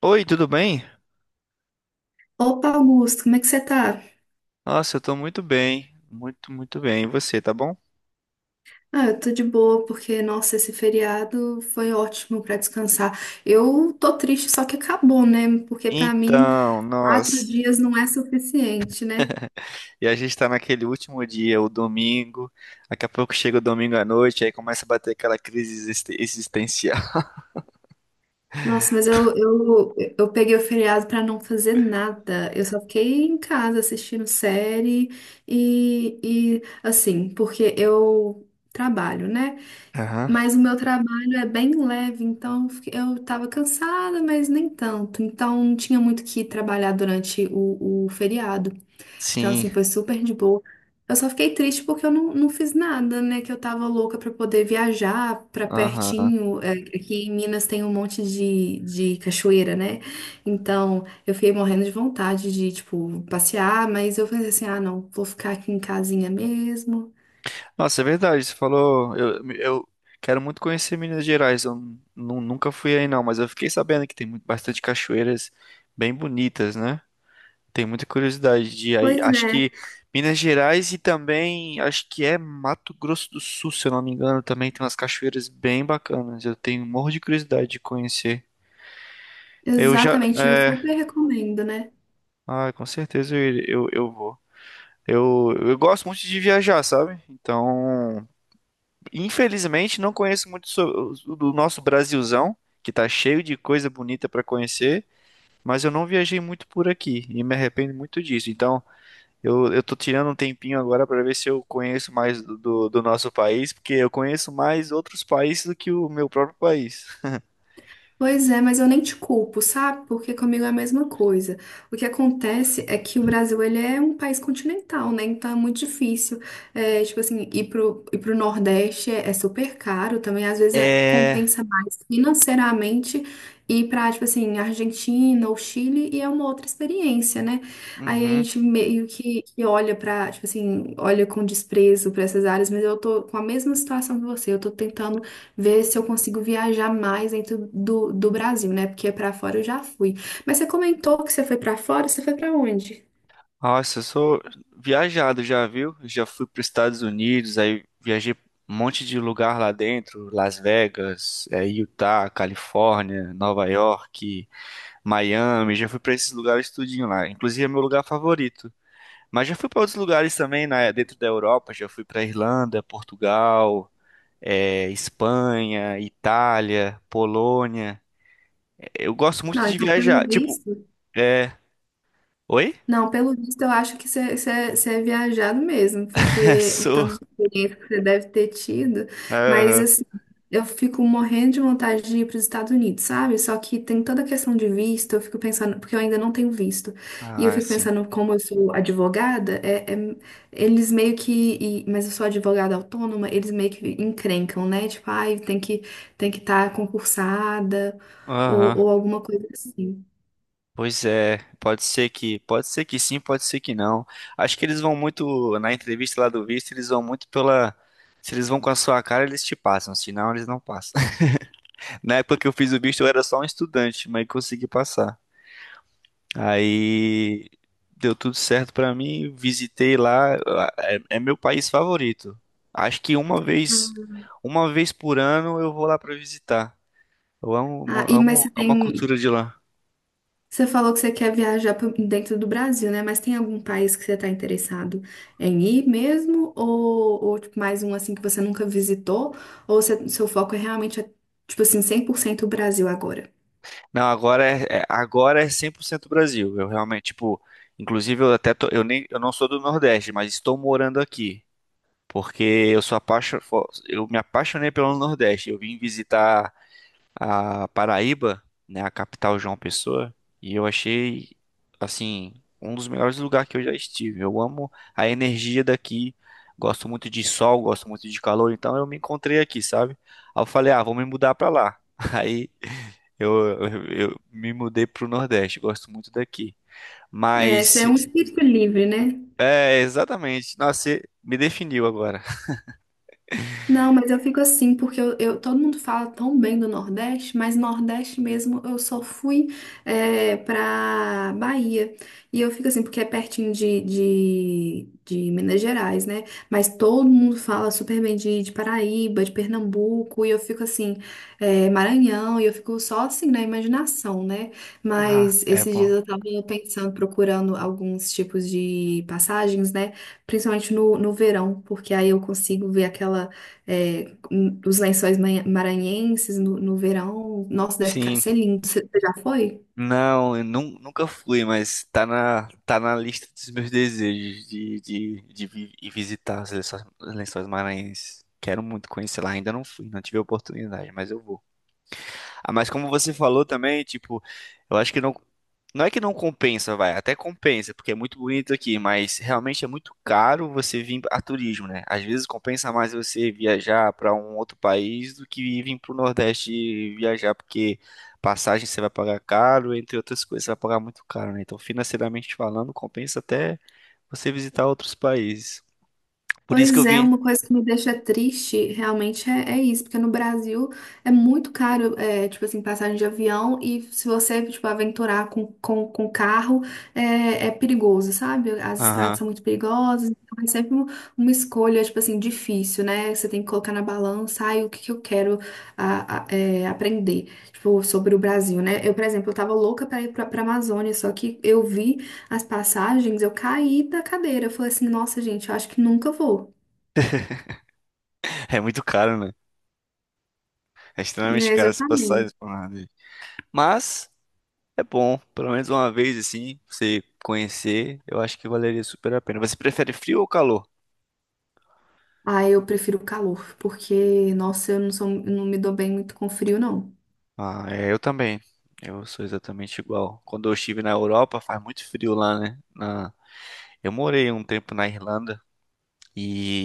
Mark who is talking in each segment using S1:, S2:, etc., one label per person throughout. S1: Oi, tudo bem?
S2: Opa, Augusto, como é que você tá?
S1: Nossa, eu tô muito bem, muito, muito bem. E você, tá bom?
S2: Ah, eu tô de boa porque, nossa, esse feriado foi ótimo pra descansar. Eu tô triste, só que acabou, né? Porque pra mim,
S1: Então,
S2: quatro
S1: nossa.
S2: dias não é suficiente, né?
S1: E a gente tá naquele último dia, o domingo. Daqui a pouco chega o domingo à noite, aí começa a bater aquela crise existencial.
S2: Nossa, mas eu peguei o feriado pra não fazer nada. Eu só fiquei em casa assistindo série e assim, porque eu trabalho, né?
S1: Aham.
S2: Mas o meu trabalho é bem leve, então eu tava cansada, mas nem tanto. Então não tinha muito o que trabalhar durante o feriado. Então,
S1: Sim,
S2: assim, foi super de boa. Eu só fiquei triste porque eu não fiz nada, né? Que eu tava louca pra poder viajar pra
S1: aham.
S2: pertinho. É, aqui em Minas tem um monte de cachoeira, né? Então eu fiquei morrendo de vontade de, tipo, passear, mas eu pensei assim: ah, não, vou ficar aqui em casinha mesmo.
S1: Nossa, é verdade, você falou. Eu quero muito conhecer Minas Gerais. Eu nunca fui aí, não, mas eu fiquei sabendo que tem muito, bastante cachoeiras bem bonitas, né? Tem muita curiosidade de aí.
S2: Pois
S1: Acho
S2: é,
S1: que Minas Gerais e também acho que é Mato Grosso do Sul, se eu não me engano, também tem umas cachoeiras bem bacanas. Eu tenho um morro de curiosidade de conhecer. Eu já,
S2: exatamente. Eu
S1: é,
S2: super recomendo, né?
S1: ah, com certeza eu vou. Eu gosto muito de viajar, sabe? Então, infelizmente, não conheço muito do nosso Brasilzão, que tá cheio de coisa bonita pra conhecer, mas eu não viajei muito por aqui e me arrependo muito disso. Então, eu tô tirando um tempinho agora pra ver se eu conheço mais do nosso país, porque eu conheço mais outros países do que o meu próprio país.
S2: Pois é, mas eu nem te culpo, sabe? Porque comigo é a mesma coisa. O que acontece é que o Brasil, ele é um país continental, né? Então é muito difícil, é, tipo assim, ir pro Nordeste é super caro também.
S1: É.
S2: Compensa mais financeiramente ir pra, tipo assim, Argentina ou Chile e é uma outra experiência, né? Aí a
S1: Uhum.
S2: gente meio que olha pra, tipo assim, olha com desprezo pra essas áreas, mas eu tô com a mesma situação que você. Eu tô tentando ver se eu consigo viajar mais dentro do Brasil, né? Porque pra fora eu já fui. Mas você comentou que você foi pra fora, você foi pra onde?
S1: Nossa, eu sou viajado já, viu? Já fui para os Estados Unidos, aí viajei um monte de lugar lá dentro, Las Vegas, é, Utah, Califórnia, Nova York, Miami, já fui para esses lugares tudinho lá. Inclusive é meu lugar favorito. Mas já fui para outros lugares também, né, dentro da Europa, já fui para Irlanda, Portugal, é, Espanha, Itália, Polônia. Eu gosto muito
S2: Não,
S1: de
S2: então pelo
S1: viajar. Tipo,
S2: visto.
S1: é. Oi?
S2: Não, pelo visto, eu acho que você é viajado mesmo, porque o
S1: Sou.
S2: tanto de experiência que você deve ter tido, mas
S1: Aham.
S2: assim, eu fico morrendo de vontade de ir para os Estados Unidos, sabe? Só que tem toda a questão de visto, eu fico pensando, porque eu ainda não tenho visto, e eu
S1: Ah,
S2: fico
S1: sim.
S2: pensando, como eu sou advogada, eles meio mas eu sou advogada autônoma, eles meio que encrencam, né? Tipo, ai, tem que estar concursada,
S1: Aham.
S2: ou alguma coisa assim.
S1: Pois é, pode ser que sim, pode ser que não. Acho que eles vão muito, na entrevista lá do visto, eles vão muito pela, se eles vão com a sua cara, eles te passam, se não, eles não passam. Na época que eu fiz o visto, eu era só um estudante, mas consegui passar. Aí deu tudo certo pra mim, visitei lá, é, é meu país favorito. Acho que uma vez por ano eu vou lá pra visitar. Eu
S2: Ah,
S1: amo,
S2: e, mas
S1: amo,
S2: você
S1: amo a
S2: tem.
S1: cultura de lá.
S2: Você falou que você quer viajar pro- dentro do Brasil, né? Mas tem algum país que você está interessado em ir mesmo? Ou, tipo, mais um assim que você nunca visitou? Seu foco é realmente, é, tipo assim, 100% o Brasil agora?
S1: Não, agora agora é 100% Brasil. Eu realmente, tipo, inclusive eu até eu nem eu não sou do Nordeste, mas estou morando aqui, porque eu me apaixonei pelo Nordeste. Eu vim visitar a Paraíba, né, a capital João Pessoa, e eu achei assim um dos melhores lugares que eu já estive. Eu amo a energia daqui, gosto muito de sol, gosto muito de calor, então eu me encontrei aqui, sabe? Aí eu falei, ah, vou me mudar pra lá. Aí eu, eu, eu me mudei pro Nordeste, gosto muito daqui.
S2: É, você
S1: Mas
S2: é um espírito livre, né?
S1: é exatamente, nossa, você me definiu agora.
S2: Não, mas eu fico assim, porque todo mundo fala tão bem do Nordeste, mas Nordeste mesmo eu só fui é, pra Bahia. E eu fico assim, porque é pertinho de Minas Gerais, né? Mas todo mundo fala super bem de Paraíba, de Pernambuco, e eu fico assim, é, Maranhão, e eu fico só assim na imaginação, né?
S1: Ah,
S2: Mas
S1: é
S2: esses dias
S1: bom.
S2: eu tava pensando, procurando alguns tipos de passagens, né? Principalmente no verão, porque aí eu consigo ver aquela é, os maranhenses no verão. Nossa, deve ficar,
S1: Sim.
S2: ser lindo. Você já foi?
S1: Não, eu nunca fui, mas tá na lista dos meus desejos de ir visitar as Lençóis Maranhenses. Quero muito conhecer lá, ainda não fui, não tive a oportunidade, mas eu vou. Ah, mas como você falou também, tipo, eu acho que não. Não é que não compensa, vai, até compensa, porque é muito bonito aqui, mas realmente é muito caro você vir a turismo, né? Às vezes compensa mais você viajar para um outro país do que vir para o Nordeste e viajar, porque passagem você vai pagar caro, entre outras coisas, você vai pagar muito caro, né? Então, financeiramente falando, compensa até você visitar outros países. Por isso que
S2: Pois
S1: eu
S2: é,
S1: vim.
S2: uma coisa que me deixa triste realmente é isso, porque no Brasil é muito caro, é, tipo assim, passagem de avião e se você, tipo, aventurar com carro, é perigoso, sabe? As estradas
S1: Aham.
S2: são muito perigosas, então é sempre uma escolha, tipo assim, difícil, né? Você tem que colocar na balança, ai, o que que eu quero é, aprender, tipo, sobre o Brasil, né? Eu, por exemplo, eu tava louca pra ir pra Amazônia, só que eu vi as passagens, eu caí da cadeira. Eu falei assim, nossa, gente, eu acho que nunca vou.
S1: É muito caro, né? É extremamente
S2: É,
S1: caro as
S2: exatamente.
S1: passagens pro Nordeste. Mas. É bom, pelo menos uma vez assim, você conhecer, eu acho que valeria super a pena. Você prefere frio ou calor?
S2: Ah, eu prefiro o calor, porque, nossa, eu não sou, eu não me dou bem muito com frio, não.
S1: Ah, é, eu também. Eu sou exatamente igual. Quando eu estive na Europa, faz muito frio lá, né? Na... Eu morei um tempo na Irlanda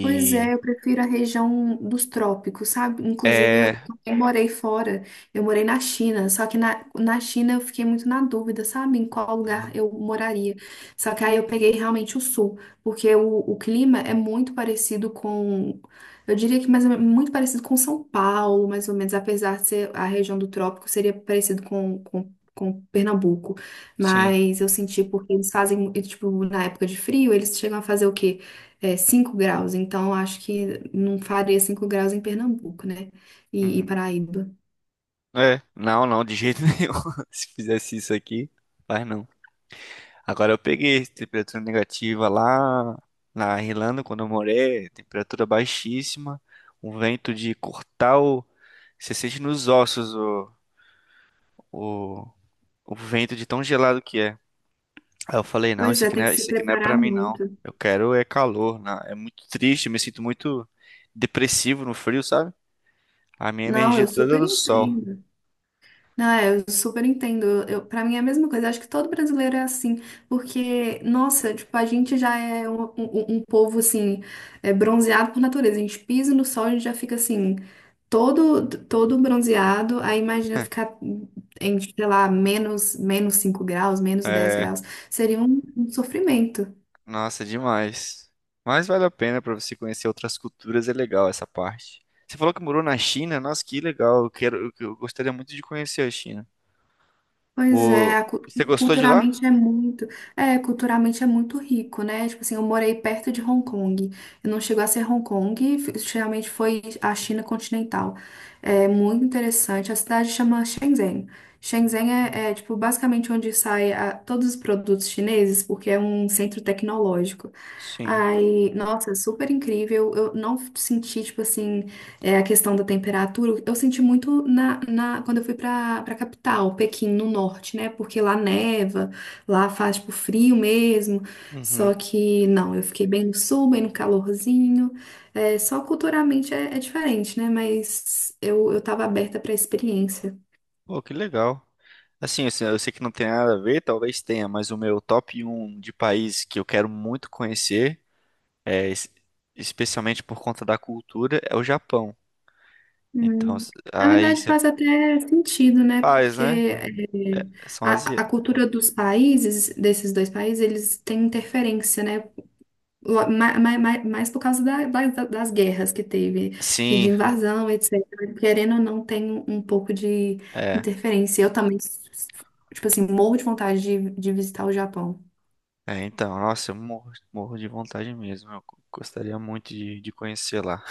S2: Pois é, eu prefiro a região dos trópicos, sabe? Inclusive, eu
S1: é,
S2: também morei fora, eu morei na China, só que na China eu fiquei muito na dúvida, sabe? Em qual lugar eu moraria. Só que aí eu peguei realmente o sul, porque o clima é muito parecido com, eu diria que muito parecido com São Paulo, mais ou menos, apesar de ser a região do trópico, seria parecido com, com Pernambuco,
S1: sim.
S2: mas eu senti porque eles fazem, tipo, na época de frio, eles chegam a fazer o quê? É, 5 graus, então acho que não faria 5 graus em Pernambuco, né? E
S1: Uhum.
S2: Paraíba.
S1: É, não, não, de jeito nenhum. Se fizesse isso aqui, faz não. Agora eu peguei temperatura negativa lá na Irlanda, quando eu morei, temperatura baixíssima, um vento de cortar o... Você sente nos ossos o, o vento de tão gelado que é. Aí eu falei, não,
S2: Pois
S1: isso
S2: é,
S1: aqui não
S2: tem que
S1: é,
S2: se
S1: isso aqui não é
S2: preparar
S1: pra mim, não.
S2: muito.
S1: Eu quero é calor, né? É muito triste, eu me sinto muito depressivo no frio, sabe? A minha
S2: Não,
S1: energia
S2: eu
S1: é toda é
S2: super
S1: no sol.
S2: entendo. Não, é, eu super entendo. Eu, para mim é a mesma coisa. Acho que todo brasileiro é assim, porque, nossa, tipo, a gente já é um povo assim, é, bronzeado por natureza. A gente pisa no sol, a gente já fica assim, todo bronzeado. Aí imagina ficar em, sei lá, menos 5 graus, menos 10
S1: É,
S2: graus. Seria um sofrimento.
S1: nossa, é demais. Mas vale a pena pra você conhecer outras culturas, é legal essa parte. Você falou que morou na China, nossa, que legal. Eu quero, eu gostaria muito de conhecer a China.
S2: Pois
S1: O...
S2: é,
S1: Você gostou de
S2: culturalmente
S1: lá?
S2: é muito, é, culturalmente é muito rico, né? Tipo assim, eu morei perto de Hong Kong. Eu não chegou a ser Hong Kong, geralmente foi a China continental. É muito interessante. A cidade chama Shenzhen. Shenzhen é, é, tipo basicamente onde saem todos os produtos chineses, porque é um centro tecnológico.
S1: Sim.
S2: Aí, nossa, super incrível. Eu não senti, tipo assim. É a questão da temperatura. Eu senti muito quando eu fui para capital, Pequim, no norte, né? Porque lá neva, lá faz tipo frio mesmo.
S1: Uhum.
S2: Só que não, eu fiquei bem no sul, bem no calorzinho. É, só culturalmente é diferente, né? Mas eu tava aberta para a experiência.
S1: Pô, que legal. Assim, eu sei que não tem nada a ver, talvez tenha, mas o meu top um de país que eu quero muito conhecer, é, es- especialmente por conta da cultura, é o Japão. Então,
S2: Hum. Na
S1: aí
S2: verdade,
S1: você
S2: faz até sentido, né?
S1: faz,
S2: Porque
S1: né?
S2: é,
S1: São
S2: a
S1: asiáticos.
S2: cultura dos países, desses dois países, eles têm interferência, né? ma- ma- ma- Mais, por causa das guerras que teve e de
S1: Sim,
S2: invasão, etc. Querendo ou não, tem um pouco de
S1: é.
S2: interferência. Eu também, tipo assim, morro de vontade de visitar o Japão.
S1: É, então, nossa, eu morro, morro de vontade mesmo. Eu gostaria muito de conhecer lá.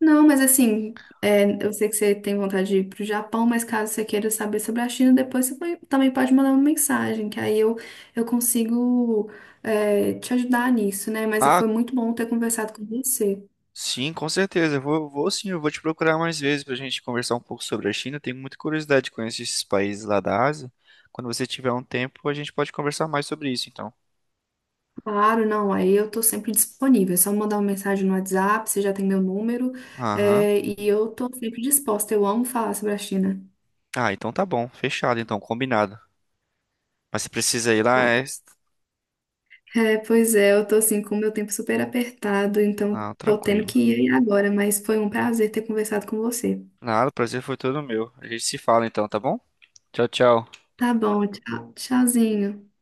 S2: Não, mas assim, é, eu sei que você tem vontade de ir pro Japão, mas caso você queira saber sobre a China, depois também pode mandar uma mensagem, que aí eu consigo, é, te ajudar nisso, né? Mas
S1: Ah,
S2: foi muito bom ter conversado com você.
S1: sim, com certeza. Eu vou sim, eu vou te procurar mais vezes pra gente conversar um pouco sobre a China. Tenho muita curiosidade de conhecer esses países lá da Ásia. Quando você tiver um tempo, a gente pode conversar mais sobre isso, então.
S2: Claro, não, aí eu tô sempre disponível. É só mandar uma mensagem no WhatsApp, você já tem meu número,
S1: Aham.
S2: é, e eu tô sempre disposta. Eu amo falar sobre a China.
S1: Ah, então tá bom. Fechado, então, combinado. Mas se precisa ir lá, é.
S2: É, pois é, eu tô assim com o meu tempo super apertado, então
S1: Ah,
S2: tô tendo
S1: tranquilo.
S2: que ir agora, mas foi um prazer ter conversado com você.
S1: Nada, o prazer foi todo meu. A gente se fala então, tá bom? Tchau, tchau.
S2: Tá bom, tchau, tchauzinho.